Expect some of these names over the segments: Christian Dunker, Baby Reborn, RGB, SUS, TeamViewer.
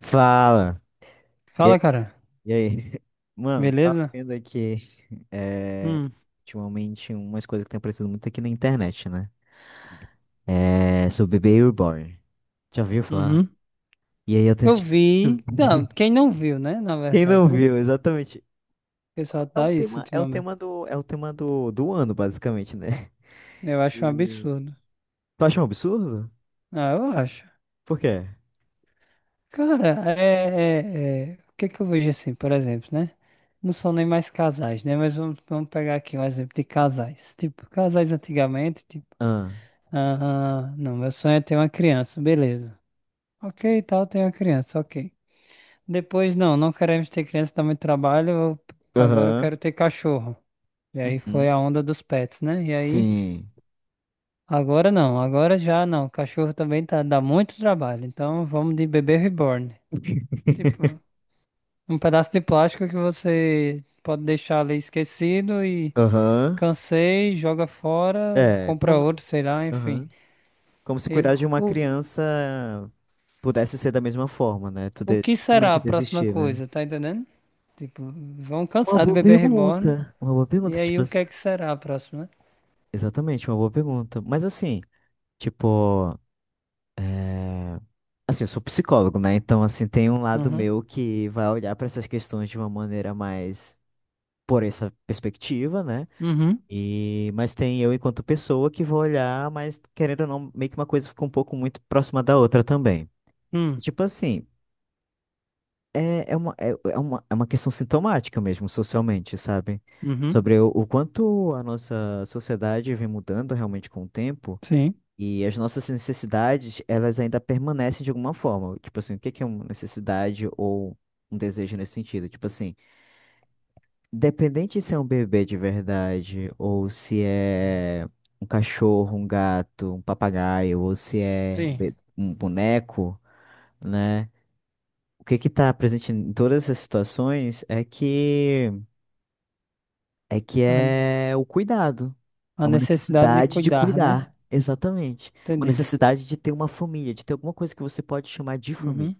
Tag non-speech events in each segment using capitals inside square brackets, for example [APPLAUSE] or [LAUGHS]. Fala. E Fala, aí? cara. E aí? [LAUGHS] Mano, tava Beleza? vendo aqui é, Hum. ultimamente umas coisas que tem aparecido muito aqui na internet, né? É, sobre Baby Reborn. Já ouviu falar? Uhum. E aí eu tenho Eu assistido. vi. Não, quem [LAUGHS] não viu, né? Na Quem verdade, não né? O viu, exatamente. pessoal É o tá isso tema, ultimamente. É o tema do, do ano, basicamente, né? Eu acho um E... absurdo. Tu acha um absurdo? Ah, eu acho. Por quê? Cara, o que é que eu vejo assim, por exemplo, né? Não são nem mais casais, né? Mas vamos pegar aqui um exemplo de casais. Tipo, casais antigamente, tipo, Ah. ah, não, meu sonho é ter uma criança, beleza. Ok, tal, tenho uma criança, ok. Depois, não, não queremos ter criança, dá muito trabalho. Agora eu Aham. quero ter cachorro. E aí foi Uhum. a onda dos pets, né? E aí, Sim. agora não, agora já não. Cachorro também tá, dá muito trabalho. Então vamos de bebê reborn. [LAUGHS] Tipo, um pedaço de plástico que você pode deixar ali esquecido e Aham. cansei, joga fora, É, compra como. Se- outro, sei lá, enfim. Aham. Como se Ele, cuidar de uma o, criança pudesse ser da mesma forma, né? O que será Simplesmente a próxima desistir, né? coisa, tá entendendo? Tipo, vão Uma cansar do boa bebê reborn. pergunta. Uma boa E pergunta, aí, o que é que será a próxima? exatamente, uma boa pergunta. Mas assim, tipo, é... assim, eu sou psicólogo, né? Então, assim, tem um lado Uhum, meu que vai olhar para essas questões de uma maneira mais por essa perspectiva, né? uhum, E mas tem eu enquanto pessoa que vou olhar, mas querendo ou não, meio que uma coisa fica um pouco muito próxima da outra também. E, hum, tipo assim, é uma questão sintomática mesmo, socialmente, sabe? uhum, Sobre o quanto a nossa sociedade vem mudando realmente com o tempo sim, e as nossas necessidades, elas ainda permanecem de alguma forma. Tipo assim, o que que é uma necessidade ou um desejo nesse sentido? Tipo assim, independente se é um bebê de verdade ou se é um cachorro, um gato, um papagaio ou se é sim. Um boneco, né? O que que está presente em todas essas situações é que é que A, é o cuidado. a É uma necessidade de necessidade de cuidar, né? cuidar, exatamente. Uma Entendi. necessidade de ter uma família, de ter alguma coisa que você pode chamar de família. Uhum.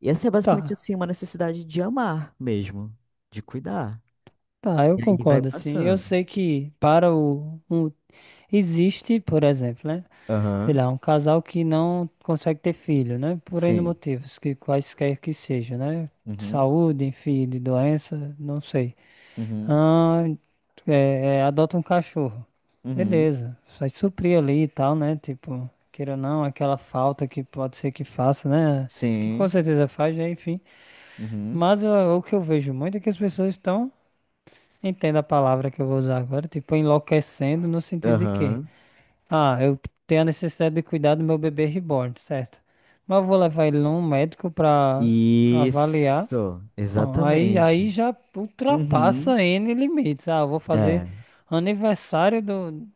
E essa é Tá, basicamente assim, uma necessidade de amar mesmo, de cuidar. tá, eu E aí vai concordo, assim. Eu passando. sei que para existe, por exemplo, né? Sei Aham. lá, um casal que não consegue ter filho, né? Por N Sim. motivos, que quaisquer que seja, né? Uhum. Saúde, enfim, de doença, não sei. Uhum. Ah, adota um cachorro. Uhum. Beleza. Vai suprir ali e tal, né? Tipo, queira ou não, aquela falta que pode ser que faça, né? Que com Sim. certeza faz, né? Enfim. Uhum. Mas ó, o que eu vejo muito é que as pessoas estão, entenda a palavra que eu vou usar agora, tipo, enlouquecendo no sentido de quê? Aham. Ah, eu tenho a necessidade de cuidar do meu bebê reborn, certo? Mas eu vou levar ele num médico pra avaliar. Isso, Não, aí exatamente. já Uhum. ultrapassa N limites. Ah, eu vou fazer É. aniversário do.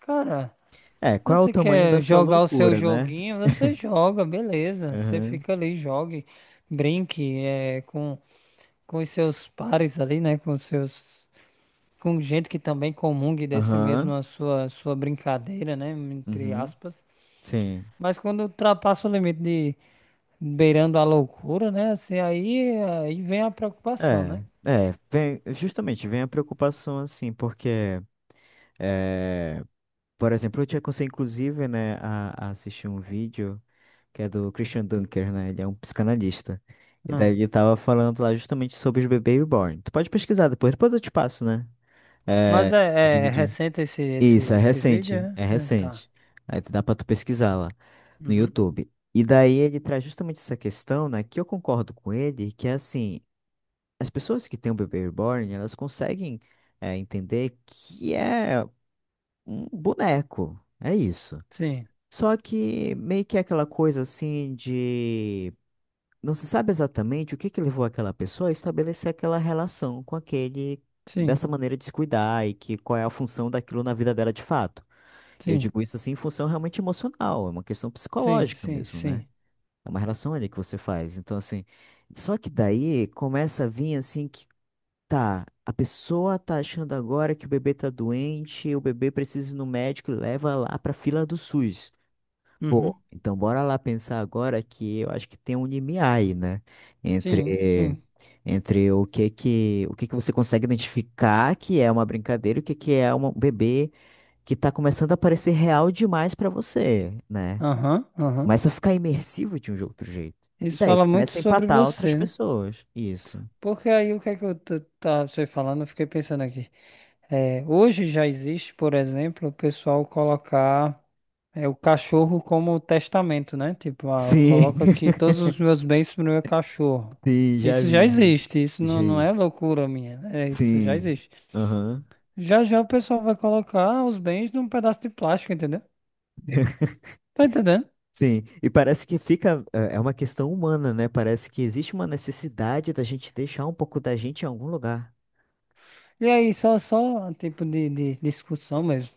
Cara, É, qual é o você tamanho da quer sua jogar o seu loucura, né? joguinho? Você joga, beleza. Você Aham, fica ali, jogue, brinque, com os seus pares ali, né? Com os seus. Com gente que também comungue desse mesmo aham, a sua brincadeira, né? Entre uhum, aspas. sim. Mas quando ultrapassa o limite de beirando a loucura, né? Assim, aí vem a preocupação, né? É, é, vem, justamente, vem a preocupação, assim, porque, é, por exemplo, eu tinha conseguido, inclusive, né, a assistir um vídeo que é do Christian Dunker, né, ele é um psicanalista, e daí Hum. ele tava falando lá justamente sobre os bebês reborn. Tu pode pesquisar depois, depois eu te passo, né? Mas É, o é vídeo. recente esse, esse, Isso, é esse vídeo, recente, né? é É, tá. recente. Aí tu dá pra tu pesquisar lá no Uhum. YouTube. E daí ele traz justamente essa questão, né, que eu concordo com ele, que é assim, as pessoas que têm o bebê reborn, elas conseguem entender que é um boneco, é isso. Sim, Só que meio que é aquela coisa assim de não se sabe exatamente o que que levou aquela pessoa a estabelecer aquela relação com aquele, sim, dessa maneira de se cuidar, e que qual é a função daquilo na vida dela de fato. E eu sim, digo isso assim em função realmente emocional, é uma questão sim, psicológica sim, mesmo, né? sim. É uma relação ali que você faz. Então, assim, só que daí começa a vir assim que tá, a pessoa tá achando agora que o bebê tá doente, o bebê precisa ir no médico e leva lá pra fila do SUS. Uhum. Pô, então bora lá pensar agora que eu acho que tem um limiar aí, né? Sim, Entre, sim. entre o que que você consegue identificar que é uma brincadeira e o que que é um bebê que tá começando a parecer real demais pra você, né? Aham, aham. Começa a ficar imersivo de um outro jeito. E Isso daí fala muito começa a sobre empatar outras você, né? pessoas. Isso. Porque aí o que é que tá você falando, eu fiquei pensando aqui. É, hoje já existe, por exemplo, o pessoal colocar o cachorro como testamento, né? Tipo, ah, Sim. coloca aqui todos os [LAUGHS] meus bens pro meu cachorro. Sim, já Isso já vi. existe, isso Já não, não é vi. loucura minha, né? É, isso já Sim. existe. Aham. Já já o pessoal vai colocar os bens num pedaço de plástico, entendeu? Tá entendendo? Sim. E parece que fica. É, é uma questão humana, né? Parece que existe uma necessidade da gente deixar um pouco da gente em algum lugar. E aí, só um tipo de discussão mesmo.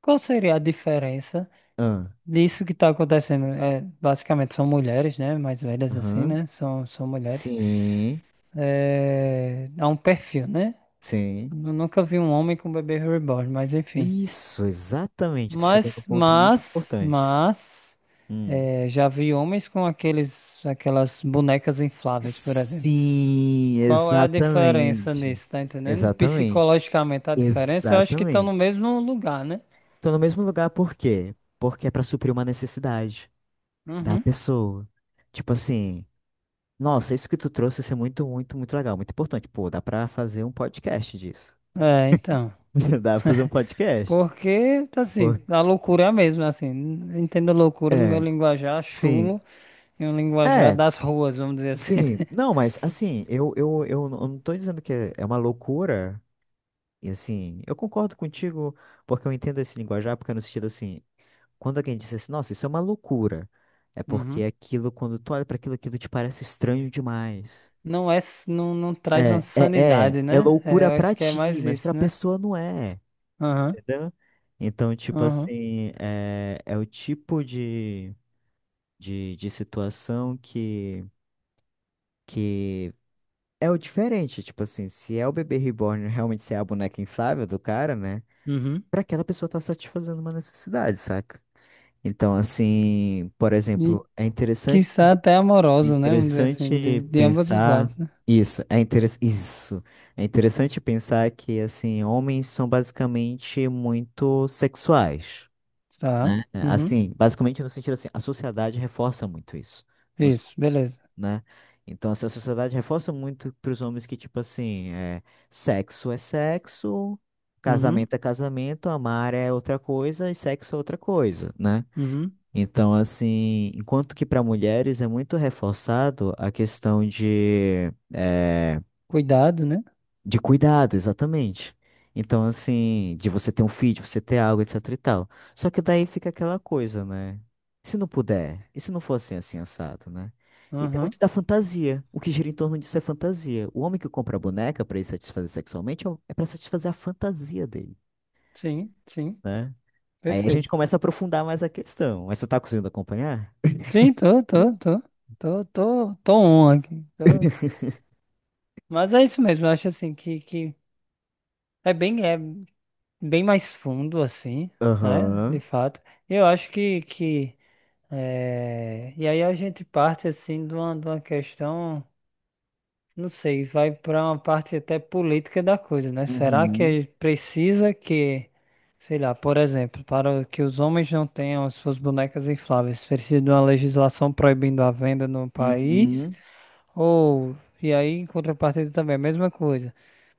Qual seria a diferença Ah. disso que está acontecendo? É, basicamente são mulheres, né? Mais velhas assim, Aham. né? São mulheres. Sim. É, a um perfil, né? Sim. Eu nunca vi um homem com bebê reborn, mas enfim. Isso, exatamente. Tu chegou no Mas, ponto muito mas, importante. mas, Hum. é, já vi homens com aquelas bonecas infláveis, por exemplo. Sim, Qual é a diferença exatamente. nisso, tá entendendo? Exatamente. Psicologicamente a diferença, eu acho que estão no Exatamente. mesmo lugar, né? Tô no mesmo lugar por quê? Porque é pra suprir uma necessidade da Uhum. pessoa. Tipo assim, nossa, isso que tu trouxe isso é muito, muito, muito legal, muito importante. Pô, dá pra fazer um podcast disso. É, então. [LAUGHS] Dá pra fazer um podcast. Porque, assim, Pô, a loucura é a mesma, assim. Entendo loucura no meu é, linguajar sim. chulo e um linguajar É, das ruas, vamos dizer assim, sim. né? Não, mas assim, eu não tô dizendo que é uma loucura. E assim, eu concordo contigo, porque eu entendo esse linguajar, porque é no sentido assim, quando alguém diz assim, nossa, isso é uma loucura, é porque Uhum. é aquilo, quando tu olha para aquilo, aquilo te parece estranho demais. Não é, não, não traz uma sanidade, É né? É, loucura eu pra acho que é ti, mais mas pra isso, né? pessoa não é, Aham, entendeu? Então, tipo aham, assim, é, é o tipo de situação que é o diferente, tipo assim, se é o bebê reborn realmente ser a boneca inflável do cara, né? uhum. Para aquela pessoa estar satisfazendo uma necessidade, saca? Então, assim, por E exemplo, quiçá até é amoroso, né? Vamos dizer assim, interessante de ambos os lados, pensar né? isso, isso. É interessante pensar que assim, homens são basicamente muito sexuais, Tá, né? É, uhum. assim, basicamente no sentido assim, a sociedade reforça muito isso nos Isso, homens, beleza. né? Então, assim, a sociedade reforça muito para os homens que, tipo assim, é sexo, Uhum, casamento é casamento, amar é outra coisa e sexo é outra coisa, né? uhum. Então, assim, enquanto que para mulheres é muito reforçado a questão de é, Cuidado, né? de cuidado, exatamente. Então, assim, de você ter um feed, você ter algo, etc e tal. Só que daí fica aquela coisa, né? Se não puder, e se não for assim, assim, assado, né? E tem Aham. muito da fantasia. O que gira em torno disso é fantasia. O homem que compra a boneca pra ele satisfazer sexualmente é pra satisfazer a fantasia dele, Sim, sim, né? Aí a gente perfeito. começa a aprofundar mais a questão. Mas você tá conseguindo acompanhar? Sim, tô on aqui. Tô. [LAUGHS] Mas é isso mesmo, eu acho assim que é bem mais fundo, assim, né? De Aham. fato. Eu acho que. É, e aí a gente parte assim de uma questão, não sei, vai para uma parte até política da coisa, né? Será que Uhum. é, precisa que, sei lá, por exemplo, para que os homens não tenham as suas bonecas infláveis, precisa de uma legislação proibindo a venda no país? Uhum. Ou, e aí em contrapartida também, a mesma coisa,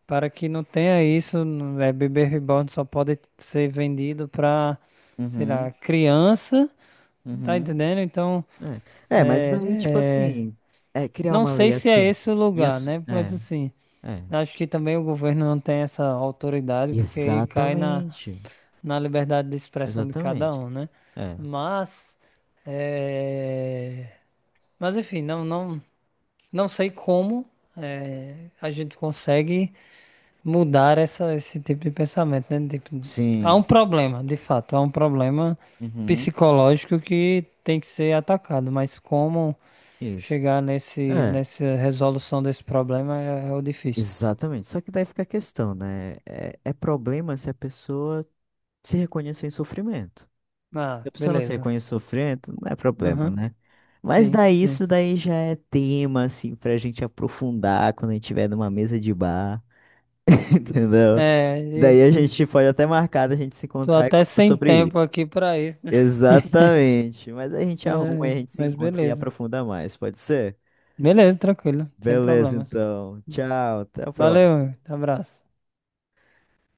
para que não tenha isso, bebê reborn só pode ser vendido para, sei lá, Uhum. criança, tá Uhum. entendendo? Então. É, é, mas daí, tipo É, é, assim, é criar não uma lei sei se é assim. esse o E lugar, as, né? Mas é, assim, é. acho que também o governo não tem essa autoridade, porque aí cai na, Exatamente. na liberdade de expressão de cada Exatamente. um, né? É. Mas, é, mas enfim, não, não, não sei como a gente consegue mudar esse tipo de pensamento, né? Tipo, há Sim. um problema, de fato, há um problema Uhum. psicológico que tem que ser atacado, mas como Isso. chegar É, nessa resolução desse problema é o difícil. exatamente. Só que daí fica a questão, né? É, é problema se a pessoa se reconhecer em sofrimento. Ah, Se a pessoa não se beleza. reconhece em sofrimento, não é problema, Aham. né? Mas Sim, daí sim. isso daí já é tema, assim, pra gente aprofundar quando a gente tiver numa mesa de bar, [LAUGHS] entendeu? É, e Daí a gente pode até marcar da gente se tô encontrar e até conversar sem sobre isso. tempo aqui pra isso, né? [LAUGHS] Exatamente. Mas a gente arruma e É, a gente se mas encontra e beleza. aprofunda mais, pode ser? Beleza, tranquilo, sem Beleza, problemas. então. Tchau, até a próxima. Valeu, abraço.